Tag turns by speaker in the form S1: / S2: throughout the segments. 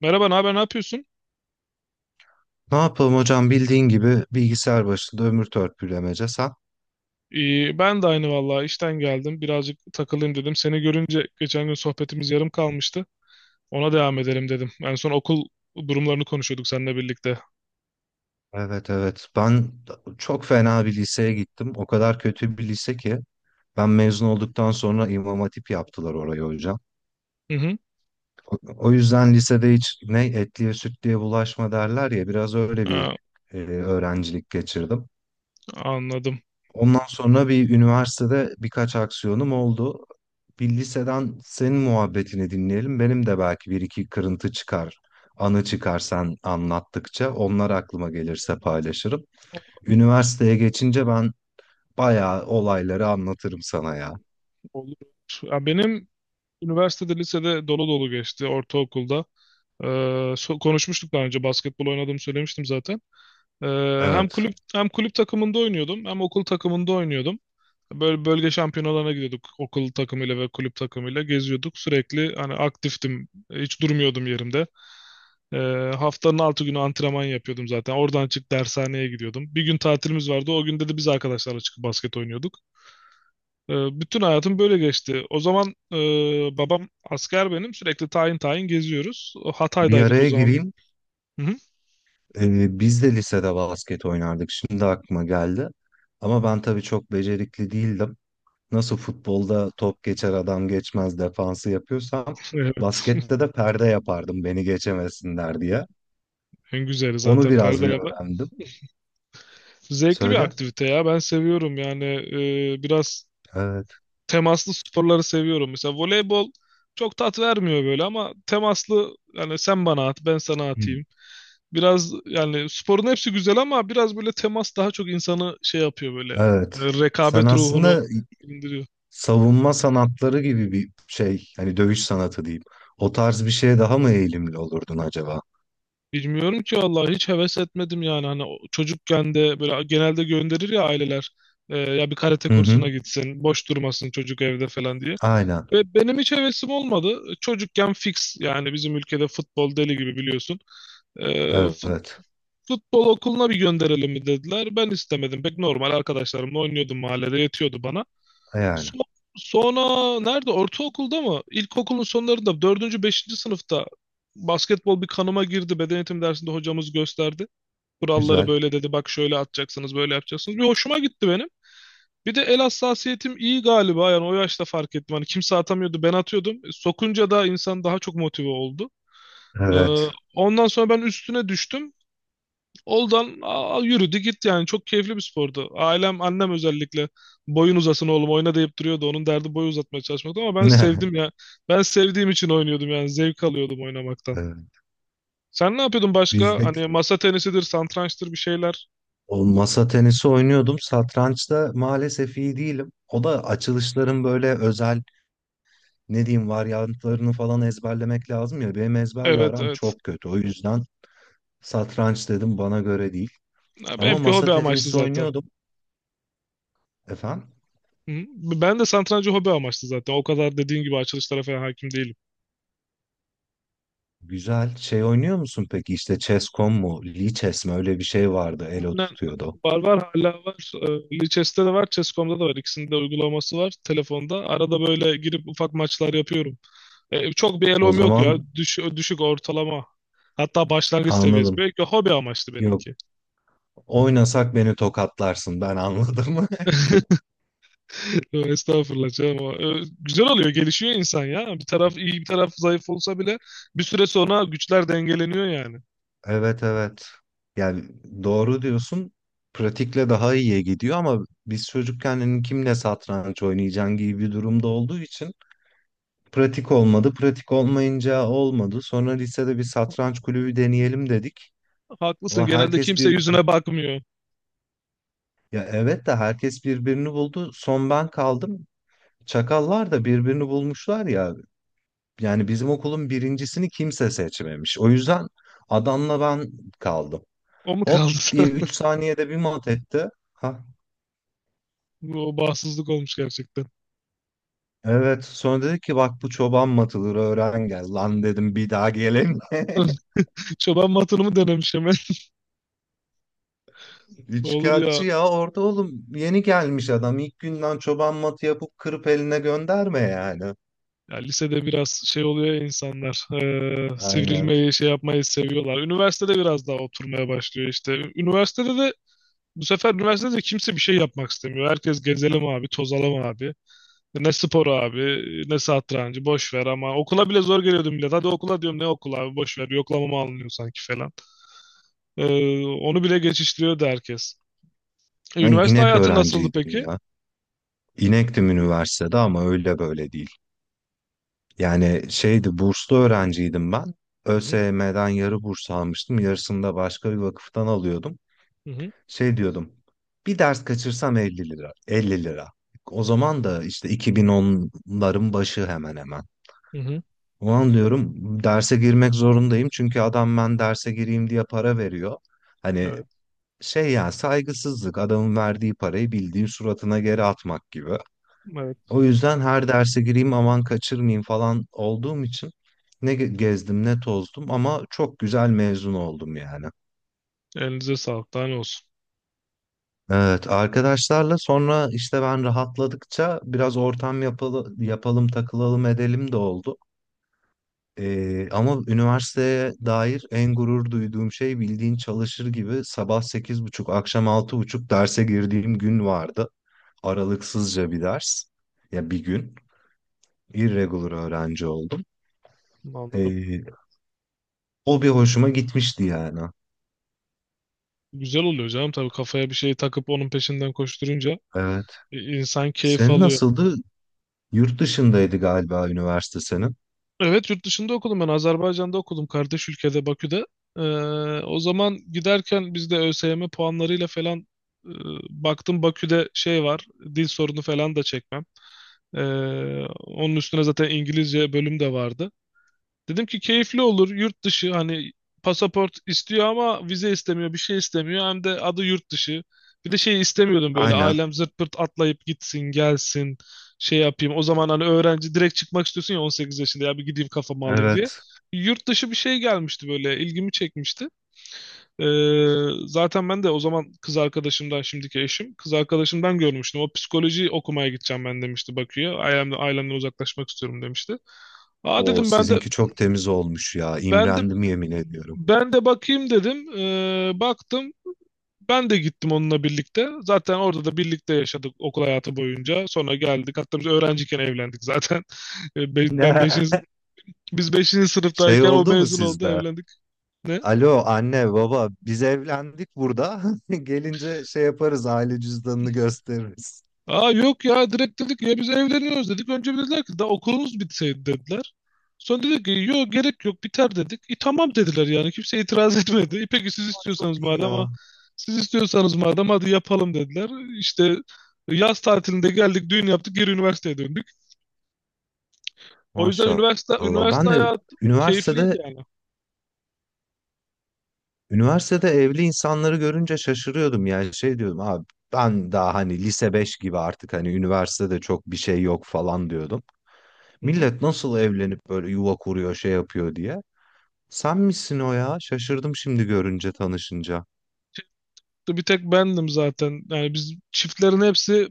S1: Merhaba, ne haber, ne yapıyorsun?
S2: Ne yapalım hocam bildiğin gibi bilgisayar başında ömür törpülemece sen.
S1: İyi, ben de aynı vallahi işten geldim. Birazcık takılayım dedim. Seni görünce geçen gün sohbetimiz yarım kalmıştı. Ona devam edelim dedim. En son okul durumlarını konuşuyorduk seninle birlikte.
S2: Evet, evet, ben çok fena bir liseye gittim. O kadar kötü bir lise ki ben mezun olduktan sonra İmam Hatip yaptılar orayı hocam.
S1: Hı hı.
S2: O yüzden lisede hiç ne etliye sütlüye bulaşma derler ya biraz öyle bir
S1: Aa,
S2: öğrencilik geçirdim.
S1: anladım.
S2: Ondan sonra bir üniversitede birkaç aksiyonum oldu. Bir liseden senin muhabbetini dinleyelim. Benim de belki bir iki kırıntı çıkar, anı çıkar sen anlattıkça. Onlar aklıma gelirse paylaşırım. Üniversiteye geçince ben bayağı olayları anlatırım sana ya.
S1: Olur. Ya benim lisede dolu dolu geçti ortaokulda. Konuşmuştuk daha önce basketbol oynadığımı söylemiştim zaten. Ee, hem
S2: Evet.
S1: kulüp hem kulüp takımında oynuyordum hem okul takımında oynuyordum. Böyle bölge şampiyonalarına gidiyorduk okul takımıyla ve kulüp takımıyla geziyorduk. Sürekli hani aktiftim. Hiç durmuyordum yerimde. Ee, Haftanın 6 günü antrenman yapıyordum zaten. Oradan çık dershaneye gidiyordum. Bir gün tatilimiz vardı. O günde de biz arkadaşlarla çıkıp basket oynuyorduk. Ee, Bütün hayatım böyle geçti. O zaman babam asker benim. Sürekli tayin tayin geziyoruz. O
S2: Bir
S1: Hatay'daydık o
S2: araya
S1: zaman.
S2: gireyim.
S1: Hı hı.
S2: Biz de lisede basket oynardık. Şimdi aklıma geldi. Ama ben tabii çok becerikli değildim. Nasıl futbolda top geçer adam geçmez defansı yapıyorsam
S1: Evet.
S2: baskette de perde yapardım beni geçemesinler diye.
S1: En güzeli
S2: Onu
S1: zaten
S2: biraz bir
S1: perdeleme.
S2: öğrendim.
S1: Zevkli bir
S2: Söyle.
S1: aktivite ya. Ben seviyorum yani biraz
S2: Evet.
S1: temaslı sporları seviyorum. Mesela voleybol çok tat vermiyor böyle ama temaslı yani sen bana at ben sana
S2: Hmm.
S1: atayım. Biraz yani sporun hepsi güzel ama biraz böyle temas daha çok insanı şey yapıyor böyle
S2: Evet. Sen
S1: rekabet ruhunu
S2: aslında
S1: indiriyor.
S2: savunma sanatları gibi bir şey, hani dövüş sanatı diyeyim. O tarz bir şeye daha mı eğilimli olurdun acaba?
S1: Bilmiyorum ki vallahi hiç heves etmedim yani hani çocukken de böyle genelde gönderir ya aileler ya bir karate
S2: Hı hı.
S1: kursuna gitsin boş durmasın çocuk evde falan diye.
S2: Aynen.
S1: Ve benim hiç hevesim olmadı çocukken fix yani bizim ülkede futbol deli gibi biliyorsun. E,
S2: Evet.
S1: Futbol okuluna bir gönderelim mi dediler. Ben istemedim. Pek normal arkadaşlarımla oynuyordum mahallede yetiyordu bana.
S2: Yani.
S1: So- Sonra nerede? Ortaokulda mı? İlkokulun sonlarında dördüncü, beşinci sınıfta basketbol bir kanıma girdi. Beden eğitim dersinde hocamız gösterdi. Kuralları
S2: Güzel.
S1: böyle dedi. Bak şöyle atacaksınız, böyle yapacaksınız. Bir hoşuma gitti benim. Bir de el hassasiyetim iyi galiba. Yani o yaşta fark ettim. Hani kimse atamıyordu, ben atıyordum. Sokunca da insan daha çok motive oldu. Ee,
S2: Evet.
S1: Ondan sonra ben üstüne düştüm. Oldan yürüdü gitti yani çok keyifli bir spordu. Ailem annem özellikle boyun uzasın oğlum oyna deyip duruyordu. Onun derdi boyu uzatmaya çalışmaktı ama ben sevdim ya. Ben sevdiğim için oynuyordum yani zevk alıyordum oynamaktan.
S2: Evet.
S1: Sen ne yapıyordun başka?
S2: Bizde
S1: Hani masa tenisidir, satrançtır bir şeyler.
S2: o masa tenisi oynuyordum. Satrançta maalesef iyi değilim. O da açılışların böyle özel ne diyeyim varyantlarını falan ezberlemek lazım ya. Benim ezberle
S1: Evet,
S2: aram
S1: evet.
S2: çok kötü. O yüzden satranç dedim bana göre değil.
S1: Ya
S2: Ama
S1: benimki
S2: masa
S1: hobi amaçlı
S2: tenisi
S1: zaten.
S2: oynuyordum. Efendim?
S1: Hı. Ben de satrancı hobi amaçlı zaten. O kadar dediğin gibi açılışlara falan hakim değilim.
S2: Güzel. Şey oynuyor musun peki? İşte Chess.com mu? Lee Chess mi? Öyle bir şey vardı. Elo
S1: Aynen.
S2: tutuyordu.
S1: Var, var hala var. Lichess'te de var, Chess.com'da da var. İkisinin de uygulaması var telefonda. Arada böyle girip ufak maçlar yapıyorum. Çok bir
S2: O
S1: elom yok ya.
S2: zaman
S1: Düşük ortalama. Hatta başlangıç seviyesi.
S2: anladım.
S1: Belki hobi amaçlı
S2: Yok.
S1: benimki.
S2: Oynasak beni tokatlarsın. Ben anladım.
S1: Estağfurullah canım. Ama, güzel oluyor, gelişiyor insan ya. Bir taraf iyi, bir taraf zayıf olsa bile bir süre sonra güçler dengeleniyor yani.
S2: Evet, evet. Yani doğru diyorsun. Pratikle daha iyiye gidiyor ama biz çocukken hani kimle satranç oynayacaksın gibi bir durumda olduğu için pratik olmadı. Pratik olmayınca olmadı. Sonra lisede bir satranç kulübü deneyelim dedik.
S1: Haklısın,
S2: Ama
S1: genelde
S2: herkes
S1: kimse
S2: bir,
S1: yüzüne bakmıyor.
S2: ya evet de herkes birbirini buldu. Son ben kaldım. Çakallar da birbirini bulmuşlar ya. Yani bizim okulun birincisini kimse seçmemiş. O yüzden adamla ben kaldım.
S1: O mu kaldı?
S2: Hop diye 3 saniyede bir mat etti. Ha,
S1: O bağımsızlık olmuş gerçekten.
S2: evet. Sonra dedi ki bak bu çoban matıdır öğren gel. Lan dedim bir daha geleyim.
S1: Çoban matonumu denemiş. Olur
S2: Üçkağıtçı
S1: ya.
S2: ya orada oğlum yeni gelmiş adam. İlk günden çoban matı yapıp kırıp eline gönderme yani.
S1: Ya lisede biraz şey oluyor ya insanlar.
S2: Aynen.
S1: Sivrilmeyi, şey yapmayı seviyorlar. Üniversitede biraz daha oturmaya başlıyor işte. Üniversitede de bu sefer üniversitede de kimse bir şey yapmak istemiyor. Herkes gezelim abi, tozalım abi. Ne spor abi, ne satrancı, boş ver ama okula bile zor geliyordum bile. Hadi okula diyorum ne okula abi, boş ver. Yoklamamı alınıyor sanki falan. E, Onu bile geçiştiriyordu herkes.
S2: Ben
S1: Üniversite
S2: inek
S1: hayatı nasıldı
S2: öğrenciydim
S1: peki?
S2: ya. İnektim üniversitede ama öyle böyle değil. Yani şeydi burslu öğrenciydim ben.
S1: Hı hı,
S2: ÖSYM'den yarı burs almıştım. Yarısını da başka bir vakıftan alıyordum.
S1: hı hı,
S2: Şey diyordum. Bir ders kaçırsam 50 TL. 50 TL. O zaman da işte 2010'ların başı hemen hemen.
S1: hı hı.
S2: O an diyorum derse girmek zorundayım. Çünkü adam ben derse gireyim diye para veriyor. Hani
S1: Evet,
S2: şey ya saygısızlık adamın verdiği parayı bildiğin suratına geri atmak gibi.
S1: evet.
S2: O yüzden her derse gireyim aman kaçırmayayım falan olduğum için ne gezdim ne tozdum ama çok güzel mezun oldum yani.
S1: Elinize sağlık. Daha ne olsun.
S2: Evet, arkadaşlarla sonra işte ben rahatladıkça biraz ortam yapalım, takılalım edelim de oldu. Ama üniversiteye dair en gurur duyduğum şey bildiğin çalışır gibi sabah 8.30 akşam 6.30 derse girdiğim gün vardı. Aralıksızca bir ders. Ya bir gün. Irregular öğrenci oldum.
S1: Anladım.
S2: Ee, O bir hoşuma gitmişti yani.
S1: Güzel oluyor canım tabii kafaya bir şey takıp onun peşinden koşturunca
S2: Evet.
S1: insan keyif
S2: Senin
S1: alıyor.
S2: nasıldı? Yurt dışındaydı galiba üniversite senin.
S1: Evet, yurt dışında okudum, ben Azerbaycan'da okudum, kardeş ülkede Bakü'de. Ee, O zaman giderken biz de ÖSYM puanlarıyla falan e, baktım Bakü'de şey var, dil sorunu falan da çekmem. Ee, Onun üstüne zaten İngilizce bölüm de vardı. Dedim ki keyifli olur yurt dışı, hani pasaport istiyor ama vize istemiyor, bir şey istemiyor hem de adı yurt dışı. Bir de şey istemiyordum böyle,
S2: Aynen.
S1: ailem zırt pırt atlayıp gitsin gelsin şey yapayım. O zaman hani öğrenci direkt çıkmak istiyorsun ya, 18 yaşında, ya bir gideyim kafamı alayım diye.
S2: Evet.
S1: Yurt dışı bir şey gelmişti böyle, ilgimi çekmişti. Zaten ben de o zaman kız arkadaşımdan, şimdiki eşim kız arkadaşımdan görmüştüm. O psikoloji okumaya gideceğim ben, demişti Bakü'ye. Ailemden uzaklaşmak istiyorum demişti. Aa
S2: Oo
S1: dedim, ben de
S2: sizinki çok temiz olmuş ya.
S1: ben de
S2: İmrendim yemin ediyorum.
S1: bakayım dedim. Baktım. Ben de gittim onunla birlikte. Zaten orada da birlikte yaşadık okul hayatı boyunca. Sonra geldik. Hatta biz öğrenciyken evlendik zaten. Ee, be- Ben
S2: Ne?
S1: beşinci, biz beşinci
S2: Şey
S1: sınıftayken o
S2: oldu mu
S1: mezun oldu,
S2: sizde?
S1: evlendik. Ne?
S2: Alo anne baba biz evlendik burada. Gelince şey yaparız aile cüzdanını gösteririz.
S1: Aa yok ya, direkt dedik ya biz evleniyoruz dedik. Önce bir dediler ki daha okulunuz bitseydi dediler. Sonra dedik ki yok, gerek yok, biter dedik. E tamam dediler, yani kimse itiraz etmedi. E peki siz
S2: Çok
S1: istiyorsanız
S2: iyi
S1: madem ama
S2: ya.
S1: siz istiyorsanız madem hadi yapalım dediler. İşte yaz tatilinde geldik, düğün yaptık, geri üniversiteye döndük. O yüzden üniversite
S2: Maşallah.
S1: üniversite
S2: Ben de
S1: hayatı
S2: üniversitede
S1: keyifliydi yani.
S2: üniversitede evli insanları görünce şaşırıyordum. Yani şey diyordum abi ben daha hani lise 5 gibi artık hani üniversitede çok bir şey yok falan diyordum.
S1: Hı hı.
S2: Millet nasıl evlenip böyle yuva kuruyor şey yapıyor diye. Sen misin o ya? Şaşırdım şimdi görünce tanışınca.
S1: Bir tek bendim zaten. Yani biz, çiftlerin hepsi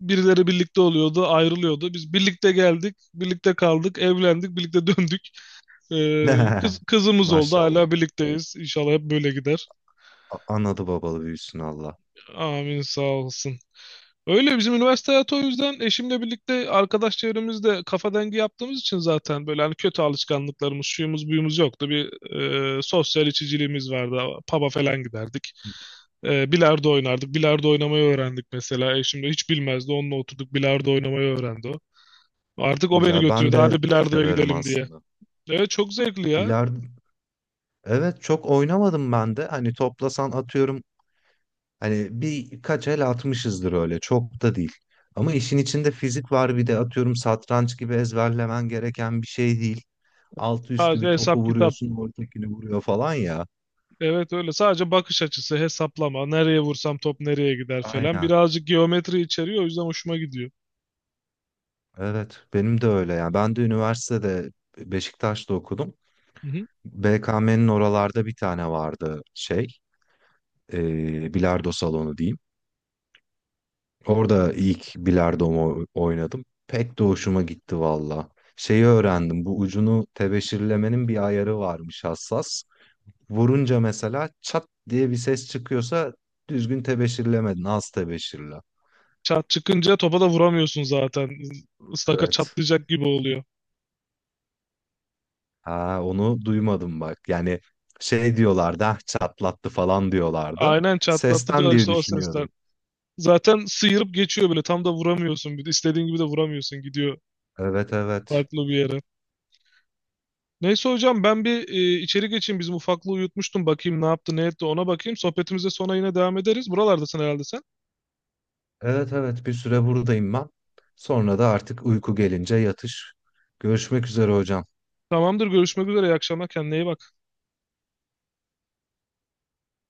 S1: birileri birlikte oluyordu, ayrılıyordu. Biz birlikte geldik, birlikte kaldık, evlendik, birlikte döndük. Kızımız oldu,
S2: Maşallah.
S1: hala birlikteyiz. İnşallah hep böyle gider.
S2: Anadı babalı büyüsün Allah.
S1: Amin, sağ olsun. Öyle bizim üniversite hayatı, o yüzden eşimle birlikte arkadaş çevremizde kafa dengi yaptığımız için zaten böyle hani kötü alışkanlıklarımız, şuyumuz, buyumuz yoktu. Bir sosyal içiciliğimiz vardı. Pub'a falan giderdik. Bilardo oynardık. Bilardo oynamayı öğrendik mesela. Eşim de hiç bilmezdi. Onunla oturduk, bilardo oynamayı öğrendi o. Artık o beni
S2: Güzel. Ben
S1: götürüyordu.
S2: de
S1: Hadi bilardoya
S2: severim
S1: gidelim diye.
S2: aslında.
S1: Evet, çok zevkli ya.
S2: Bilardo evet çok oynamadım ben de. Hani toplasan atıyorum hani birkaç el atmışızdır öyle. Çok da değil. Ama işin içinde fizik var bir de atıyorum satranç gibi ezberlemen gereken bir şey değil. Altı üstü
S1: Sadece
S2: bir topu
S1: hesap kitap.
S2: vuruyorsun, ortakini vuruyor falan ya.
S1: Evet öyle. Sadece bakış açısı, hesaplama. Nereye vursam top nereye gider falan.
S2: Aynen.
S1: Birazcık geometri içeriyor. O yüzden hoşuma gidiyor.
S2: Evet, benim de öyle. Yani, ben de üniversitede Beşiktaş'ta okudum. BKM'nin oralarda bir tane vardı şey, bilardo salonu diyeyim. Orada ilk bilardomu oynadım. Pek de hoşuma gitti valla. Şeyi öğrendim, bu ucunu tebeşirlemenin bir ayarı varmış hassas. Vurunca mesela çat diye bir ses çıkıyorsa düzgün tebeşirlemedin, az tebeşirle.
S1: Çat çıkınca topa da vuramıyorsun zaten. Istaka
S2: Evet.
S1: çatlayacak gibi oluyor.
S2: Ha, onu duymadım bak. Yani şey diyorlardı, ah çatlattı falan diyorlardı.
S1: Aynen, çatlattı
S2: Sesten
S1: diyorlar
S2: diye
S1: işte o sesler.
S2: düşünüyordum.
S1: Zaten sıyırıp geçiyor böyle, tam da vuramıyorsun. Bir de istediğin gibi de vuramıyorsun, gidiyor
S2: Evet, evet.
S1: farklı bir yere. Neyse hocam, ben bir içeri geçeyim. Bizim ufaklığı uyutmuştum. Bakayım ne yaptı ne etti, ona bakayım. Sohbetimize sonra yine devam ederiz. Buralardasın herhalde sen.
S2: Evet, evet, bir süre buradayım ben. Sonra da artık uyku gelince yatış. Görüşmek üzere hocam.
S1: Tamamdır, görüşmek üzere. İyi akşamlar, kendine iyi bak.